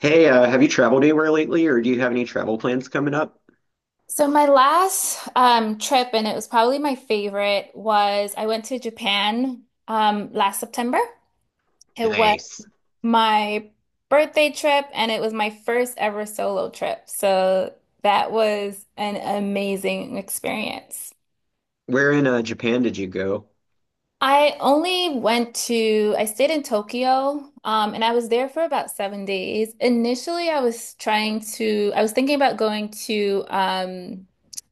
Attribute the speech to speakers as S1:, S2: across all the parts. S1: Hey, have you traveled anywhere lately, or do you have any travel plans coming up?
S2: So my last trip, and it was probably my favorite, was I went to Japan last September. It was
S1: Nice.
S2: my birthday trip, and it was my first ever solo trip. So that was an amazing experience.
S1: Where in Japan did you go?
S2: I only went to, I stayed in Tokyo, and I was there for about 7 days. Initially, I was thinking about going to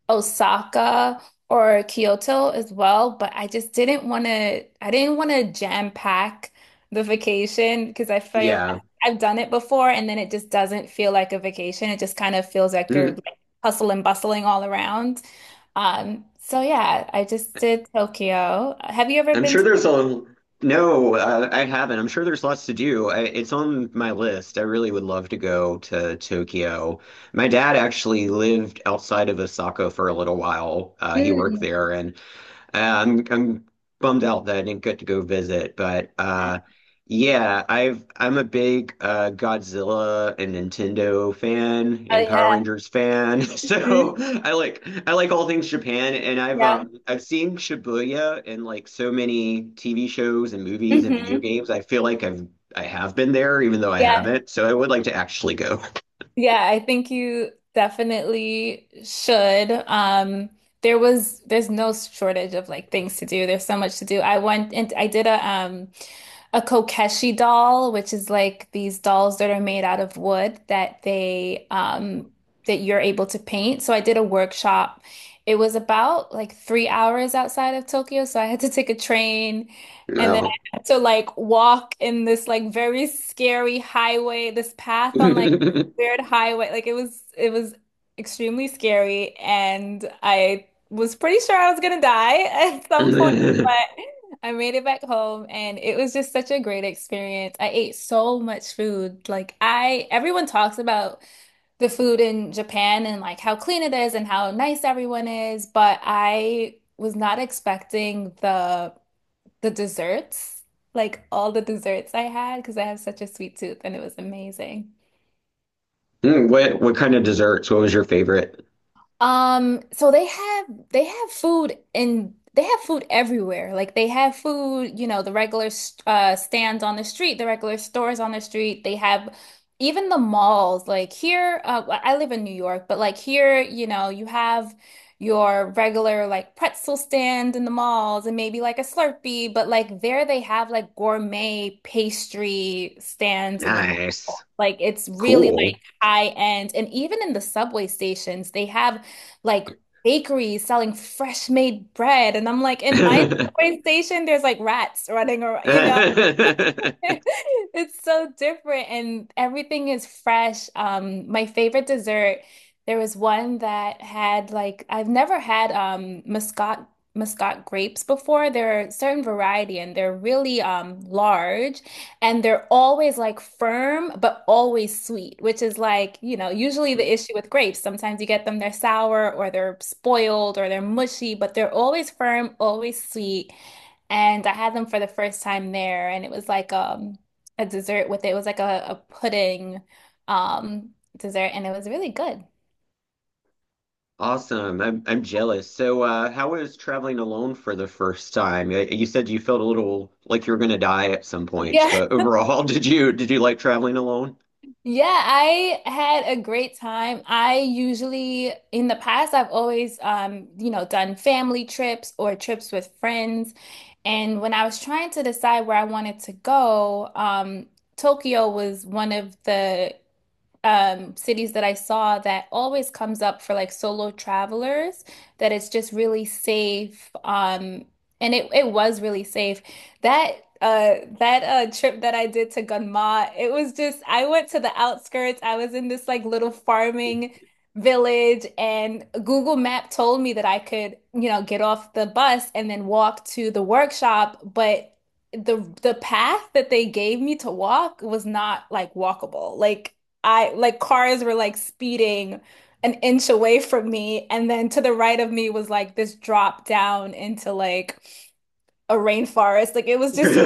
S2: Osaka or Kyoto as well, but I didn't want to jam pack the vacation because I feel
S1: Yeah.
S2: I've done it before and then it just doesn't feel like a vacation. It just kind of feels like you're
S1: Mm.
S2: like hustle and bustling all around. So yeah, I just did Tokyo. Have you ever
S1: I'm
S2: been
S1: sure there's a. No, I haven't. I'm sure there's lots to do. It's on my list. I really would love to go to Tokyo. My dad actually lived outside of Osaka for a little while. He worked
S2: Ừm.
S1: there, and I'm bummed out that I didn't get to go visit, but
S2: À,
S1: yeah, I'm a big Godzilla and Nintendo fan and
S2: ừ,
S1: Power
S2: à.
S1: Rangers fan,
S2: Ừm,
S1: so I like all things Japan, and
S2: dạ.
S1: I've seen Shibuya in like so many TV shows and movies and video
S2: Ừm
S1: games. I feel like I've I have been there, even though I
S2: Yeah.
S1: haven't. So I would like to actually go.
S2: Yeah, I think you definitely should. There's no shortage of like things to do. There's so much to do. I went and I did a Kokeshi doll, which is like these dolls that are made out of wood that they that you're able to paint. So I did a workshop. It was about like 3 hours outside of Tokyo, so I had to take a train and then
S1: No.
S2: I had to like walk in this like very scary highway, this path on like weird highway. Like it was extremely scary and I was pretty sure I was gonna die at some point, but I made it back home and it was just such a great experience. I ate so much food. Like I everyone talks about the food in Japan and like how clean it is and how nice everyone is, but I was not expecting the desserts, like all the desserts I had because I have such a sweet tooth and it was amazing.
S1: What kind of desserts? What was your favorite?
S2: So they have food everywhere. Like they have food, you know, the regular stands on the street, the regular stores on the street. They have even the malls. Like here, I live in New York, but like here, you know, you have your regular like pretzel stand in the malls and maybe like a Slurpee, but like there they have like gourmet pastry stands in the mall.
S1: Nice.
S2: Like it's really like
S1: Cool.
S2: high end. And even in the subway stations, they have like bakeries selling fresh made bread. And I'm like, in my subway station, there's like rats running around, you know? It's so different and everything is fresh. My favorite dessert, there was one that had like I've never had Muscat grapes before. They're a certain variety and they're really large and they're always like firm but always sweet, which is like, you know, usually the issue with grapes. Sometimes you get them they're sour or they're spoiled or they're mushy, but they're always firm, always sweet. And I had them for the first time there, and it was like a dessert with it. It was like a pudding dessert, and it was really good.
S1: Awesome. I'm jealous. So, how was traveling alone for the first time? You said you felt a little like you were gonna die at some points,
S2: Yeah.
S1: but overall, did you like traveling alone?
S2: Yeah, I had a great time. I usually in the past I've always you know, done family trips or trips with friends. And when I was trying to decide where I wanted to go, Tokyo was one of the cities that I saw that always comes up for like solo travelers, that it's just really safe. And it was really safe. That that trip that I did to Gunma, it was just I went to the outskirts. I was in this like little farming village and Google Map told me that I could, you know, get off the bus and then walk to the workshop, but the path that they gave me to walk was not like walkable. Like I like cars were like speeding an inch away from me, and then to the right of me was like this drop down into like a rainforest. Like it was just,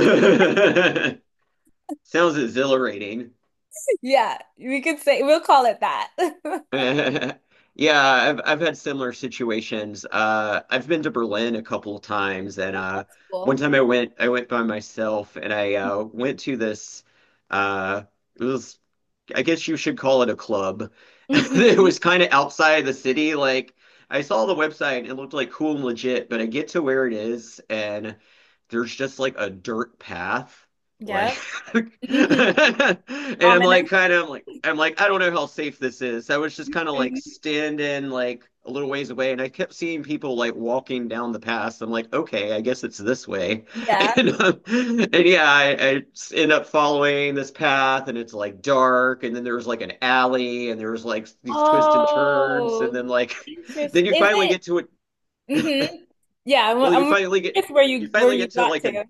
S1: Sounds exhilarating.
S2: yeah, we could say we'll call it that.
S1: Yeah, I've had similar situations. I've been to Berlin a couple of times, and one
S2: Cool.
S1: time I went by myself, and I went to this. Uh, it was I guess you should call it a club.
S2: hmm
S1: It was kind of outside the city. Like I saw the website and it looked like cool and legit, but I get to where it is and there's just like a dirt path. Like
S2: Yep. hmm
S1: and
S2: Ominous.
S1: I'm like I don't know how safe this is. I was just kind of like
S2: Mhm.
S1: standing like a little ways away and I kept seeing people like walking down the path. I'm like, okay, I guess it's this way.
S2: Yeah.
S1: And yeah, end up following this path, and it's like dark, and then there's like an alley, and there's like these twists and turns, and then
S2: Oh,
S1: like,
S2: interesting.
S1: then you
S2: Is
S1: finally
S2: it?
S1: get to it.
S2: Hmm Yeah,
S1: Well,
S2: I'm curious where
S1: you
S2: you where
S1: finally
S2: you
S1: get to
S2: got
S1: like a
S2: to.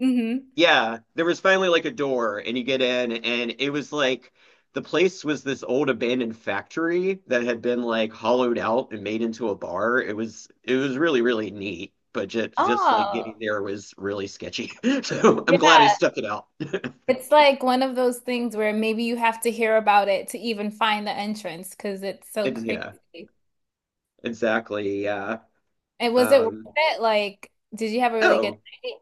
S2: Hmm
S1: yeah, there was finally like a door, and you get in, and it was like the place was this old abandoned factory that had been like hollowed out and made into a bar. It was really really neat, but just like getting
S2: Oh,
S1: there was really sketchy. So I'm glad
S2: yeah.
S1: I stuck it out.
S2: It's like one of those things where maybe you have to hear about it to even find the entrance because it's so
S1: It's yeah,
S2: crazy.
S1: exactly. Yeah.
S2: And was it worth
S1: Um,
S2: it? Like, did you have a really good
S1: oh,
S2: night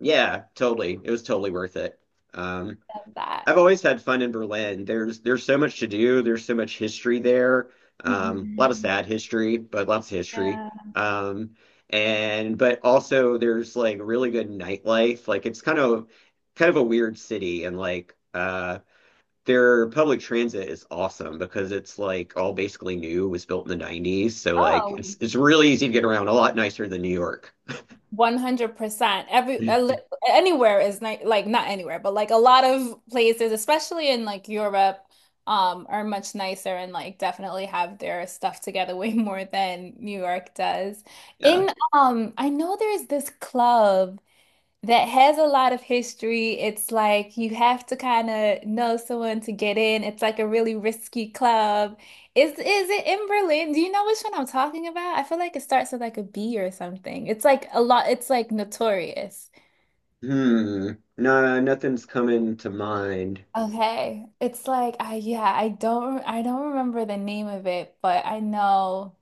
S1: yeah, totally. It was totally worth it. Um,
S2: of that?
S1: I've always had fun in Berlin. There's so much to do. There's so much history there. A lot of
S2: Mhm.
S1: sad history, but lots of history.
S2: Yeah.
S1: Um, and but also there's like really good nightlife. Like it's kind of a weird city and like their public transit is awesome because it's like all basically new. It was built in the 90s. So like
S2: Oh,
S1: it's really easy to get around, a lot nicer than New York.
S2: 100%. Anywhere is ni like not anywhere, but like a lot of places, especially in like Europe, are much nicer and like definitely have their stuff together way more than New York does.
S1: Yeah.
S2: In I know there's this club. That has a lot of history. It's like you have to kind of know someone to get in. It's like a really risky club. Is it in Berlin? Do you know which one I'm talking about? I feel like it starts with like a B or something. It's like notorious.
S1: Hmm. No, nothing's coming to mind.
S2: Okay. It's like I yeah, I don't remember the name of it, but I know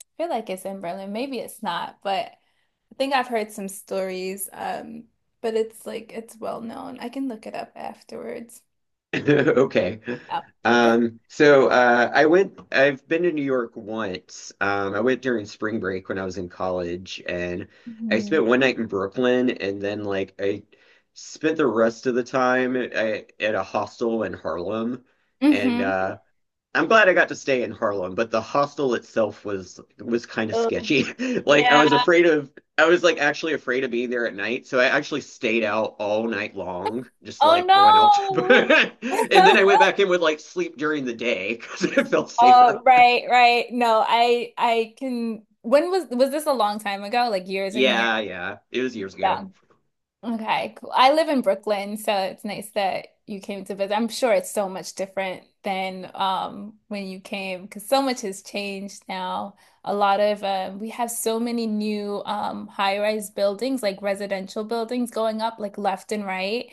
S2: I feel like it's in Berlin. Maybe it's not, but I think I've heard some stories. But it's like it's well known. I can look it up afterwards.
S1: Okay.
S2: Yeah. That's
S1: So I've been to New York once. I went during spring break when I was in college, and I spent
S2: hmm
S1: one night in Brooklyn, and then like I spent the rest of the time at a hostel in Harlem. And
S2: hmm
S1: I'm glad I got to stay in Harlem, but the hostel itself was kind of
S2: Oh,
S1: sketchy. Like I
S2: yeah.
S1: was afraid of I was like actually afraid of being there at night, so I actually stayed out all night long, just
S2: Oh
S1: like going out
S2: no.
S1: to and then I went back in with like sleep during the day because it felt safer.
S2: Oh, right, right. No, I can when was this a long time ago? Like years and years?
S1: Yeah, yeah. It was years
S2: Yeah.
S1: ago.
S2: Okay, cool. I live in Brooklyn, so it's nice that you came to visit. I'm sure it's so much different than when you came because so much has changed now. A lot of we have so many new high-rise buildings, like residential buildings going up like left and right.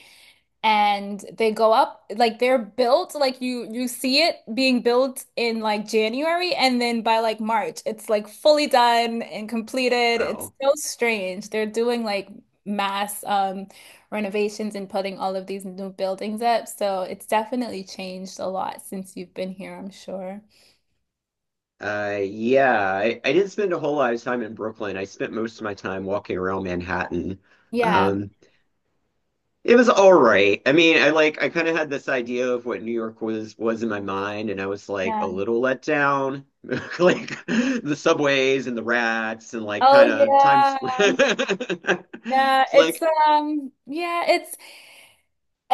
S2: and they go up like they're built like you see it being built in like January and then by like March it's like fully done and completed. It's
S1: Wow.
S2: so strange. They're doing like mass renovations and putting all of these new buildings up. So it's definitely changed a lot since you've been here, I'm sure.
S1: Yeah, I didn't spend a whole lot of time in Brooklyn. I spent most of my time walking around Manhattan.
S2: Yeah.
S1: Um, It was all right. I mean, I like I kind of had this idea of what New York was in my mind, and I was like a
S2: Yeah.
S1: little let down. Like
S2: Mhm.
S1: the subways and the rats and like
S2: Oh
S1: kind of Times
S2: yeah.
S1: Square.
S2: Yeah,
S1: It's
S2: it's
S1: like,
S2: yeah, it's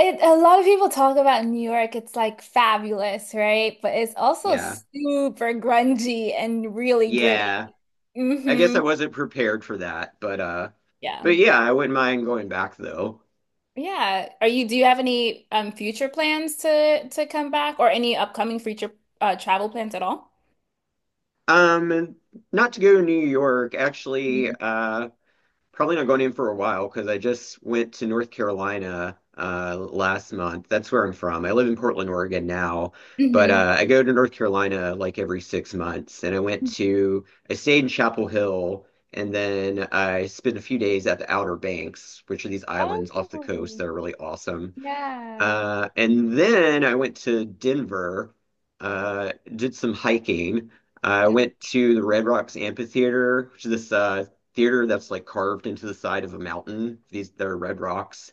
S2: It, a lot of people talk about New York. It's like fabulous, right? But it's also
S1: yeah,
S2: super grungy and really gritty.
S1: yeah. I guess
S2: Hmm
S1: I wasn't prepared for that,
S2: Yeah.
S1: but yeah, I wouldn't mind going back though.
S2: Yeah. Are you, do you have any future plans to come back or any upcoming future travel plans at all?
S1: And not to go to New York, actually, probably not going in for a while because I just went to North Carolina last month. That's where I'm from. I live in Portland, Oregon now, but
S2: Mm-hmm.
S1: I go to North Carolina like every 6 months. And I stayed in Chapel Hill and then I spent a few days at the Outer Banks, which are these islands off the coast
S2: Oh,
S1: that are really awesome.
S2: yeah.
S1: And then I went to Denver, did some hiking. I went to the Red Rocks Amphitheater, which is this theater that's like carved into the side of a mountain. These they're red rocks,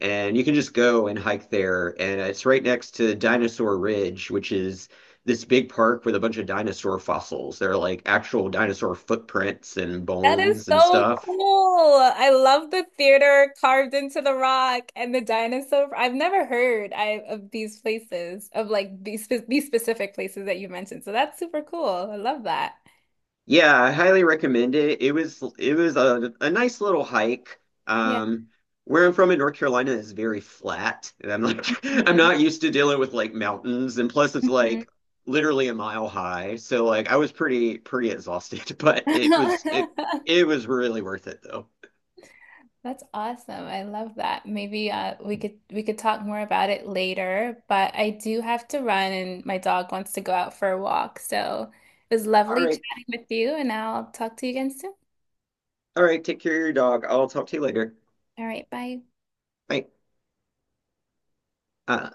S1: and you can just go and hike there. And it's right next to Dinosaur Ridge, which is this big park with a bunch of dinosaur fossils. They're like actual dinosaur footprints and
S2: That is
S1: bones and
S2: so
S1: stuff.
S2: cool. I love the theater carved into the rock and the dinosaur. I've never heard I of these places, of like these specific places that you mentioned. So that's super cool. I love that.
S1: Yeah, I highly recommend it. It was a nice little hike.
S2: Yeah.
S1: Um, where I'm from in North Carolina is very flat, and I'm like I'm
S2: Mhm.
S1: not used to dealing with like mountains, and plus it's
S2: Mhm.
S1: like literally a mile high. So like I was pretty exhausted, but it was really worth it though.
S2: That's awesome. I love that. Maybe we could talk more about it later, but I do have to run and my dog wants to go out for a walk. So it was
S1: All
S2: lovely
S1: right,
S2: chatting with you, and I'll talk to you again soon.
S1: all right. Take care of your dog. I'll talk to you later.
S2: All right, bye.
S1: Bye. Uh,